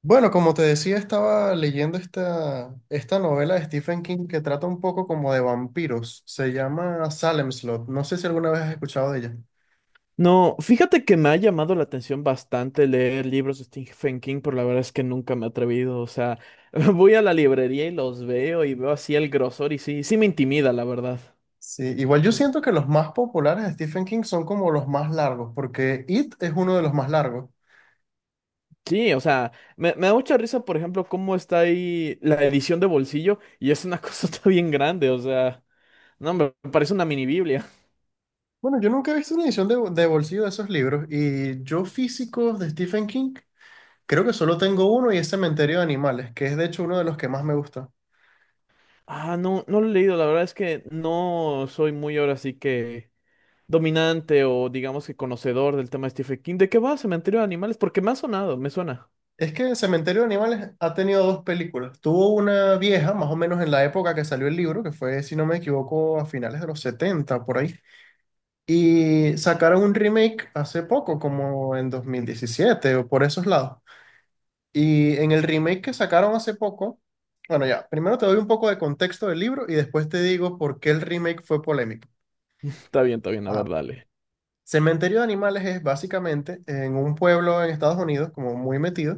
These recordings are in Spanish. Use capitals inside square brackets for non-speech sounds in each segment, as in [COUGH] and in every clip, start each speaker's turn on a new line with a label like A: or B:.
A: Bueno, como te decía, estaba leyendo esta novela de Stephen King que trata un poco como de vampiros. Se llama Salem Slot. No sé si alguna vez has escuchado de ella.
B: No, fíjate que me ha llamado la atención bastante leer libros de Stephen King, pero la verdad es que nunca me he atrevido. O sea, [LAUGHS] voy a la librería y los veo y veo así el grosor y sí, sí me intimida, la verdad.
A: Sí, igual yo
B: Mm.
A: siento que los más populares de Stephen King son como los más largos, porque It es uno de los más largos.
B: Sí, o sea, me da mucha risa, por ejemplo, cómo está ahí la edición de bolsillo y es una [LAUGHS] cosa bien grande, o sea, no, me parece una mini Biblia.
A: Bueno, yo nunca he visto una edición de bolsillo de esos libros y yo físicos de Stephen King creo que solo tengo uno y es Cementerio de Animales, que es de hecho uno de los que más me gusta.
B: Ah, no, no lo he leído, la verdad es que no soy muy ahora sí que dominante o digamos que conocedor del tema de Stephen King. ¿De qué va Cementerio de Animales? Porque me ha sonado, me suena.
A: Es que Cementerio de Animales ha tenido dos películas. Tuvo una vieja, más o menos en la época que salió el libro, que fue, si no me equivoco, a finales de los 70 por ahí. Y sacaron un remake hace poco, como en 2017 o por esos lados. Y en el remake que sacaron hace poco, bueno, ya, primero te doy un poco de contexto del libro y después te digo por qué el remake fue polémico.
B: Está bien, a
A: Ajá.
B: ver, dale.
A: Cementerio de Animales es básicamente en un pueblo en Estados Unidos, como muy metido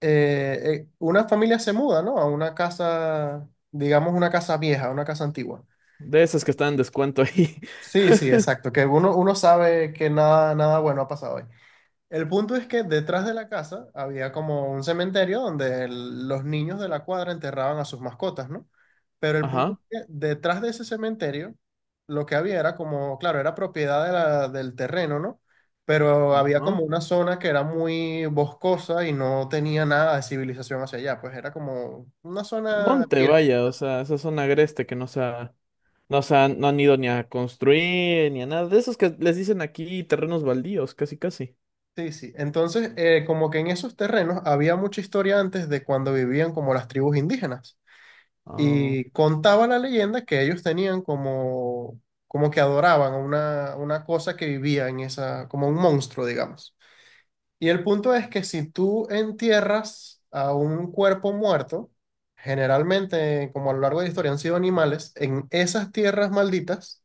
A: una familia se muda, ¿no? A una casa, digamos, una casa vieja, una casa antigua.
B: De esas que están en descuento ahí.
A: Sí, sí,
B: [LAUGHS]
A: exacto, que uno sabe que nada bueno ha pasado ahí. El punto es que detrás de la casa había como un cementerio donde los niños de la cuadra enterraban a sus mascotas, ¿no? Pero el punto es
B: Ajá,
A: que detrás de ese cementerio lo que había era como, claro, era propiedad de del terreno, ¿no? Pero había
B: ajá.
A: como una zona que era muy boscosa y no tenía nada de civilización hacia allá, pues era como una zona
B: Monte,
A: virgen.
B: vaya, o sea, esa zona agreste que no se han, no han ido ni a construir ni a nada. De esos que les dicen aquí terrenos baldíos, casi casi.
A: Sí, sí. Entonces, como que en esos terrenos había mucha historia antes de cuando vivían como las tribus indígenas.
B: Ah,
A: Y contaba la leyenda que ellos tenían como que adoraban a una cosa que vivía en esa, como un monstruo, digamos. Y el punto es que si tú entierras a un cuerpo muerto, generalmente, como a lo largo de la historia han sido animales, en esas tierras malditas,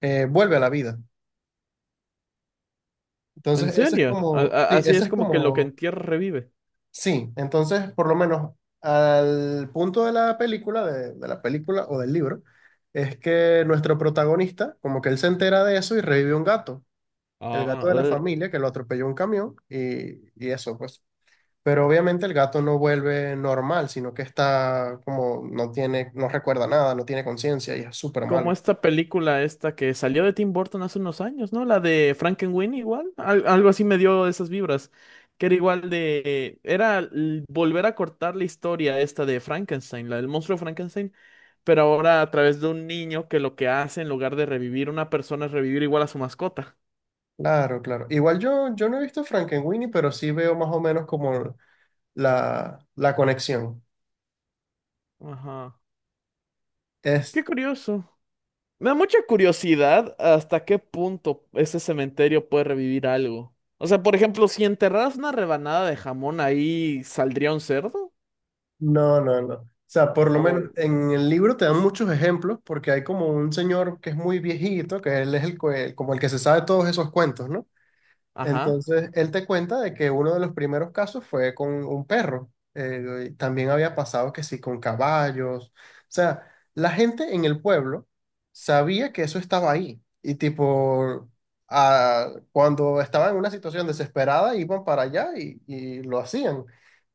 A: vuelve a la vida.
B: ¿en
A: Entonces, ese es
B: serio?
A: como, sí,
B: Así
A: ese
B: es
A: es
B: como que lo que
A: como.
B: en tierra revive.
A: Sí, entonces por lo menos al punto de la película, de la película o del libro, es que nuestro protagonista, como que él se entera de eso y revive un gato, el
B: Ah,
A: gato de la familia que lo atropelló un camión y eso pues. Pero obviamente el gato no vuelve normal, sino que está como, no tiene, no recuerda nada, no tiene conciencia y es súper
B: como
A: malo.
B: esta película esta que salió de Tim Burton hace unos años, ¿no? La de Frankenweenie igual, algo así me dio esas vibras, que era igual de, volver a cortar la historia esta de Frankenstein, la del monstruo Frankenstein, pero ahora a través de un niño que lo que hace en lugar de revivir una persona es revivir igual a su mascota.
A: Claro, claro. Igual yo no he visto Frankenweenie, pero sí veo más o menos como la conexión.
B: Ajá. Qué curioso. Me da mucha curiosidad hasta qué punto ese cementerio puede revivir algo. O sea, por ejemplo, si enterraras una rebanada de jamón ahí, ¿saldría un cerdo?
A: No, no, no. O sea, por lo menos
B: O,
A: en el libro te dan muchos ejemplos porque hay como un señor que es muy viejito, que él es el, como el que se sabe todos esos cuentos, ¿no?
B: ajá,
A: Entonces, él te cuenta de que uno de los primeros casos fue con un perro. Y también había pasado que sí, con caballos. O sea, la gente en el pueblo sabía que eso estaba ahí. Y tipo, ah, cuando estaban en una situación desesperada, iban para allá y lo hacían.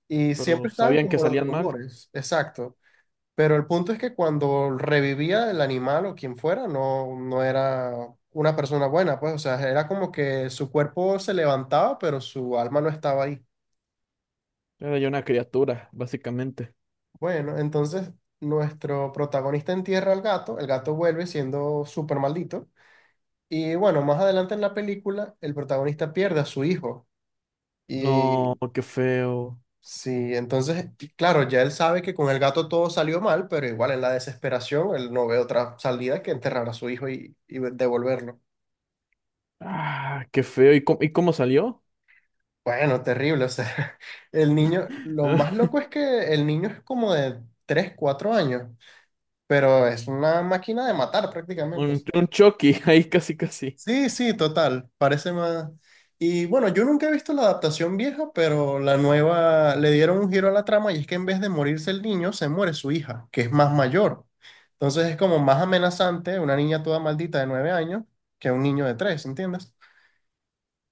A: Y
B: pero
A: siempre estaban
B: sabían que
A: como los
B: salían mal.
A: rumores, exacto. Pero el punto es que cuando revivía el animal o quien fuera, no era una persona buena, pues, o sea, era como que su cuerpo se levantaba, pero su alma no estaba ahí.
B: Era ya una criatura, básicamente.
A: Bueno, entonces nuestro protagonista entierra al gato, el gato vuelve siendo súper maldito. Y bueno, más adelante en la película, el protagonista pierde a su hijo.
B: No,
A: Y
B: qué feo.
A: Sí, entonces, y claro, ya él sabe que con el gato todo salió mal, pero igual en la desesperación él no ve otra salida que enterrar a su hijo y devolverlo.
B: Ah, qué feo. ¿Y cómo salió?
A: Bueno, terrible, o sea, [LAUGHS] el niño, lo más loco
B: [LAUGHS]
A: es que el niño es como de 3, 4 años, pero es una máquina de matar prácticamente.
B: Un Chucky, [LAUGHS] ahí casi casi.
A: Sí, sí, total, parece más... Y bueno, yo nunca he visto la adaptación vieja, pero la nueva le dieron un giro a la trama y es que en vez de morirse el niño, se muere su hija, que es más mayor. Entonces es como más amenazante una niña toda maldita de 9 años que un niño de 3, ¿entiendes?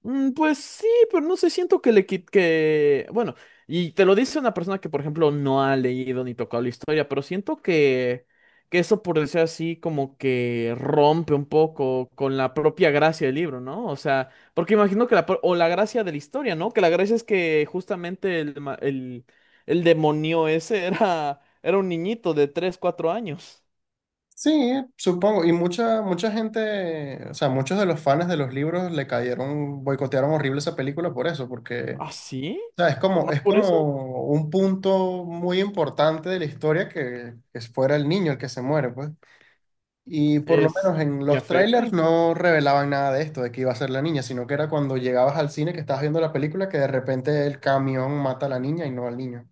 B: Mm, pues sí, pero no sé, siento que le quit que, bueno, y te lo dice una persona que, por ejemplo, no ha leído ni tocado la historia, pero siento que eso, por decir así, como que rompe un poco con la propia gracia del libro, ¿no? O sea, porque imagino que la, pro- o la gracia de la historia, ¿no? Que la gracia es que justamente el demonio ese [LAUGHS] era, era un niñito de tres cuatro años.
A: Sí, supongo. Y mucha, mucha gente, o sea, muchos de los fans de los libros le cayeron, boicotearon horrible esa película por eso, porque
B: ¿Ah, sí?
A: sea, es como,
B: ¿Nomás
A: es
B: por eso?
A: como un punto muy importante de la historia que fuera el niño el que se muere, pues. Y por lo
B: Es,
A: menos en
B: y
A: los trailers
B: afecta.
A: no revelaban nada de esto, de que iba a ser la niña, sino que era cuando llegabas al cine que estabas viendo la película que de repente el camión mata a la niña y no al niño.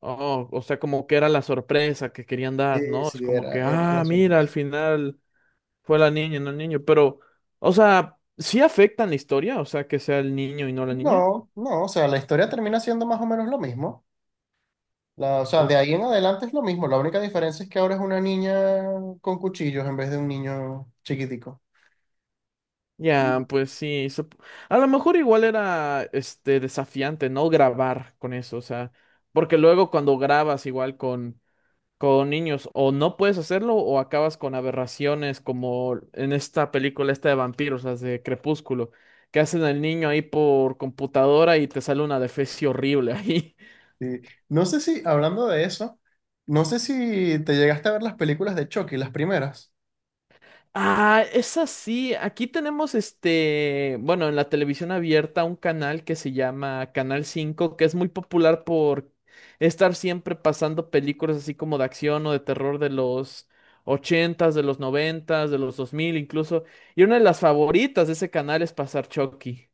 B: Oh, o sea, como que era la sorpresa que querían dar,
A: Sí,
B: ¿no? Es
A: sí,
B: como que,
A: era
B: ah,
A: la
B: mira, al
A: sorpresa.
B: final fue la niña y no el niño, pero, o sea, ¿sí afectan la historia? O sea, que sea el niño y no la niña.
A: No, no, o sea, la historia termina siendo más o menos lo mismo. O sea,
B: O-
A: de ahí en adelante es lo mismo. La única diferencia es que ahora es una niña con cuchillos en vez de un niño chiquitico.
B: ya, pues sí, a lo mejor igual era, este, desafiante, ¿no? Grabar con eso, o sea, porque luego cuando grabas igual con niños, o no puedes hacerlo, o acabas con aberraciones como en esta película esta de vampiros, las de Crepúsculo, que hacen al niño ahí por computadora y te sale una defecio horrible ahí.
A: Sí. No sé si, hablando de eso, no sé si te llegaste a ver las películas de Chucky, las primeras.
B: Ah, es así. Aquí tenemos este, bueno, en la televisión abierta un canal que se llama Canal Cinco que es muy popular por estar siempre pasando películas así como de acción o de terror de los ochentas, de los noventas, de los 2000, incluso. Y una de las favoritas de ese canal es pasar Chucky.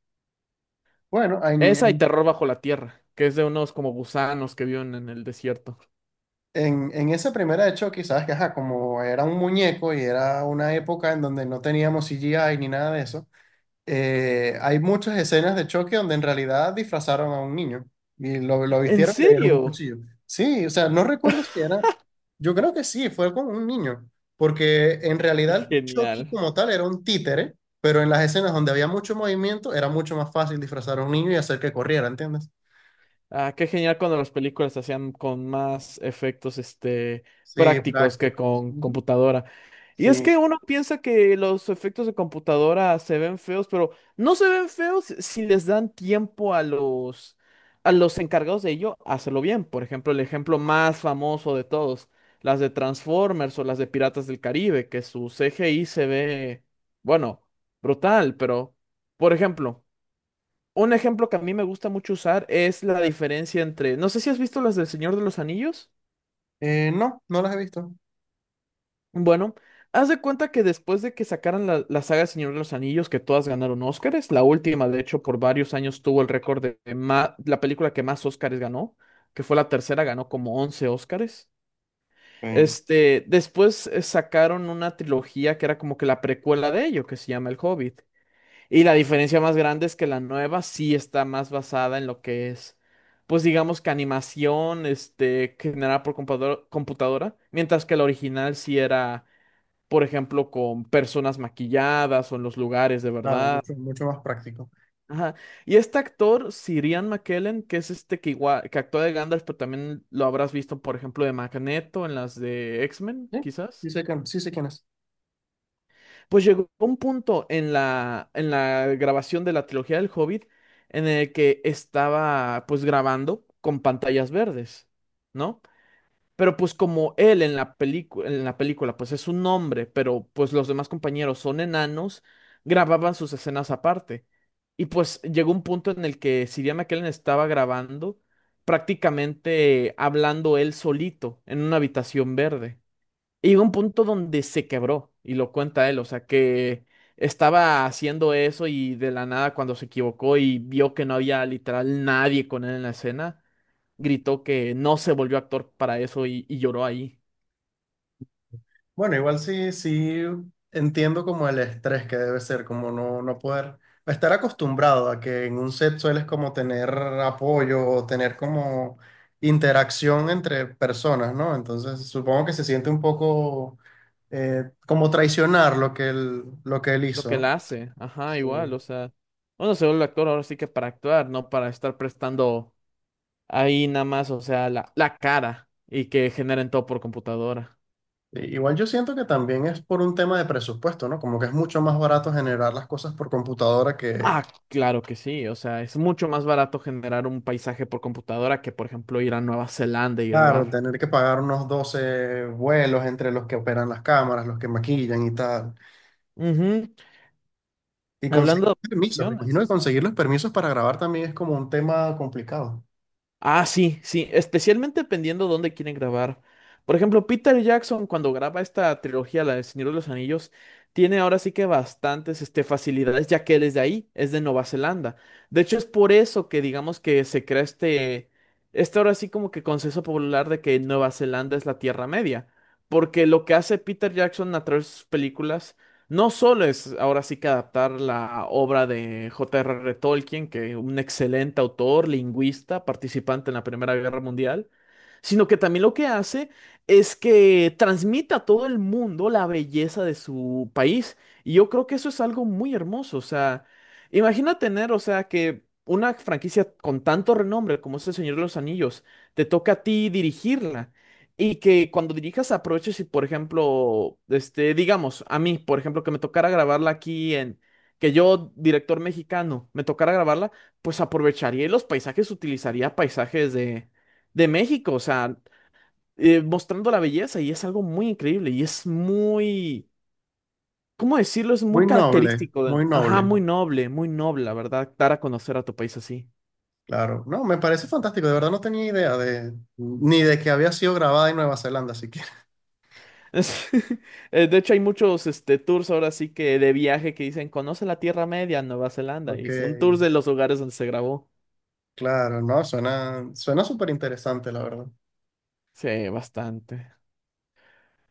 A: Bueno, en,
B: Esa y
A: en,
B: Terror bajo la tierra, que es de unos como gusanos que viven en el desierto.
A: en- en esa primera de Chucky, sabes que, ajá, como era un muñeco y era una época en donde no teníamos CGI ni nada de eso, hay muchas escenas de choque donde en realidad disfrazaron a un niño y lo
B: ¿En
A: vistieron y le dieron un
B: serio?
A: cuchillo. Sí, o sea, no recuerdo si era, yo creo que sí, fue con un niño, porque en
B: [LAUGHS] Qué
A: realidad el Chucky
B: genial.
A: como tal era un títere, pero en las escenas donde había mucho movimiento era mucho más fácil disfrazar a un niño y hacer que corriera, ¿entiendes?
B: Ah, qué genial cuando las películas se hacían con más efectos, este,
A: Sí,
B: prácticos que
A: prácticos.
B: con
A: Ujú.
B: computadora. Y es
A: Sí.
B: que uno piensa que los efectos de computadora se ven feos, pero no se ven feos si les dan tiempo a los encargados de ello a hacerlo bien. Por ejemplo, el ejemplo más famoso de todos, las de Transformers o las de Piratas del Caribe, que su CGI se ve, bueno, brutal, pero, por ejemplo. Un ejemplo que a mí me gusta mucho usar es la diferencia entre, no sé si has visto las del Señor de los Anillos.
A: No, no las he visto.
B: Bueno, haz de cuenta que después de que sacaran la, la saga Señor de los Anillos, que todas ganaron Óscares, la última, de hecho, por varios años tuvo el récord de, la película que más Óscares ganó, que fue la tercera, ganó como 11 Óscares.
A: Ok.
B: Este, después sacaron una trilogía que era como que la precuela de ello, que se llama El Hobbit. Y la diferencia más grande es que la nueva sí está más basada en lo que es, pues digamos que animación, este, generada por computadora, mientras que la original sí era, por ejemplo, con personas maquilladas o en los lugares de
A: Claro,
B: verdad.
A: mucho, mucho más práctico.
B: Ajá. Y este actor, Sir Ian McKellen, que es este que igual, que actúa de Gandalf, pero también lo habrás visto, por ejemplo, de Magneto en las de X-Men,
A: Sí,
B: quizás.
A: sí sé quién es.
B: Pues llegó un punto en la grabación de la trilogía del Hobbit en el que estaba pues grabando con pantallas verdes, ¿no? Pero pues como él en la película pues es un hombre, pero pues los demás compañeros son enanos, grababan sus escenas aparte. Y pues llegó un punto en el que si Ian McKellen estaba grabando prácticamente hablando él solito en una habitación verde. Y llegó un punto donde se quebró, y lo cuenta él, o sea, que estaba haciendo eso y de la nada cuando se equivocó y vio que no había literal nadie con él en la escena, gritó que no se volvió actor para eso y lloró ahí.
A: Bueno, igual sí, sí entiendo como el estrés que debe ser, como no, no poder estar acostumbrado a que en un set sueles como tener apoyo o tener como interacción entre personas, ¿no? Entonces supongo que se siente un poco como traicionar lo que él
B: Lo
A: hizo,
B: que
A: ¿no?
B: la hace, ajá,
A: Sí.
B: igual, o sea, uno se vuelve actor ahora sí que para actuar, no para estar prestando ahí nada más, o sea, la cara y que generen todo por computadora.
A: Igual yo siento que también es por un tema de presupuesto, ¿no? Como que es mucho más barato generar las cosas por computadora que.
B: Ah, claro que sí. O sea, es mucho más barato generar un paisaje por computadora que, por ejemplo, ir a Nueva Zelanda y
A: Claro,
B: grabar.
A: tener que pagar unos 12 vuelos entre los que operan las cámaras, los que maquillan y tal.
B: Ujú.
A: Y
B: Hablando
A: conseguir
B: de
A: permisos, me
B: operaciones,
A: imagino que conseguir los permisos para grabar también es como un tema complicado.
B: ah, sí, sí, especialmente dependiendo dónde quieren grabar. Por ejemplo, Peter Jackson, cuando graba esta trilogía, la del Señor de los Anillos, tiene ahora sí que bastantes este, facilidades, ya que él es de ahí, es de Nueva Zelanda. De hecho, es por eso que digamos que se crea este, este ahora sí como que consenso popular de que Nueva Zelanda es la Tierra Media. Porque lo que hace Peter Jackson a través de sus películas no solo es ahora sí que adaptar la obra de J.R.R. Tolkien, que un excelente autor, lingüista, participante en la Primera Guerra Mundial, sino que también lo que hace es que transmite a todo el mundo la belleza de su país. Y yo creo que eso es algo muy hermoso. O sea, imagina tener, o sea, que una franquicia con tanto renombre como es El Señor de los Anillos, te toca a ti dirigirla. Y que cuando dirijas aproveches y, por ejemplo, este, digamos, a mí, por ejemplo, que me tocara grabarla aquí en, que yo, director mexicano, me tocara grabarla, pues aprovecharía y los paisajes, utilizaría paisajes de México, o sea, mostrando la belleza y es algo muy increíble y es muy, ¿cómo decirlo? Es muy
A: Muy noble,
B: característico,
A: muy
B: ajá,
A: noble.
B: muy noble, la verdad, dar a conocer a tu país así.
A: Claro, no, me parece fantástico, de verdad no tenía idea de, ni de que había sido grabada en Nueva Zelanda siquiera. [LAUGHS]
B: [LAUGHS] De hecho, hay muchos este, tours ahora sí que de viaje que dicen, conoce la Tierra Media, Nueva Zelanda,
A: Ok,
B: y son tours de los lugares donde se grabó.
A: claro, no, suena súper interesante, la verdad.
B: Sí, bastante.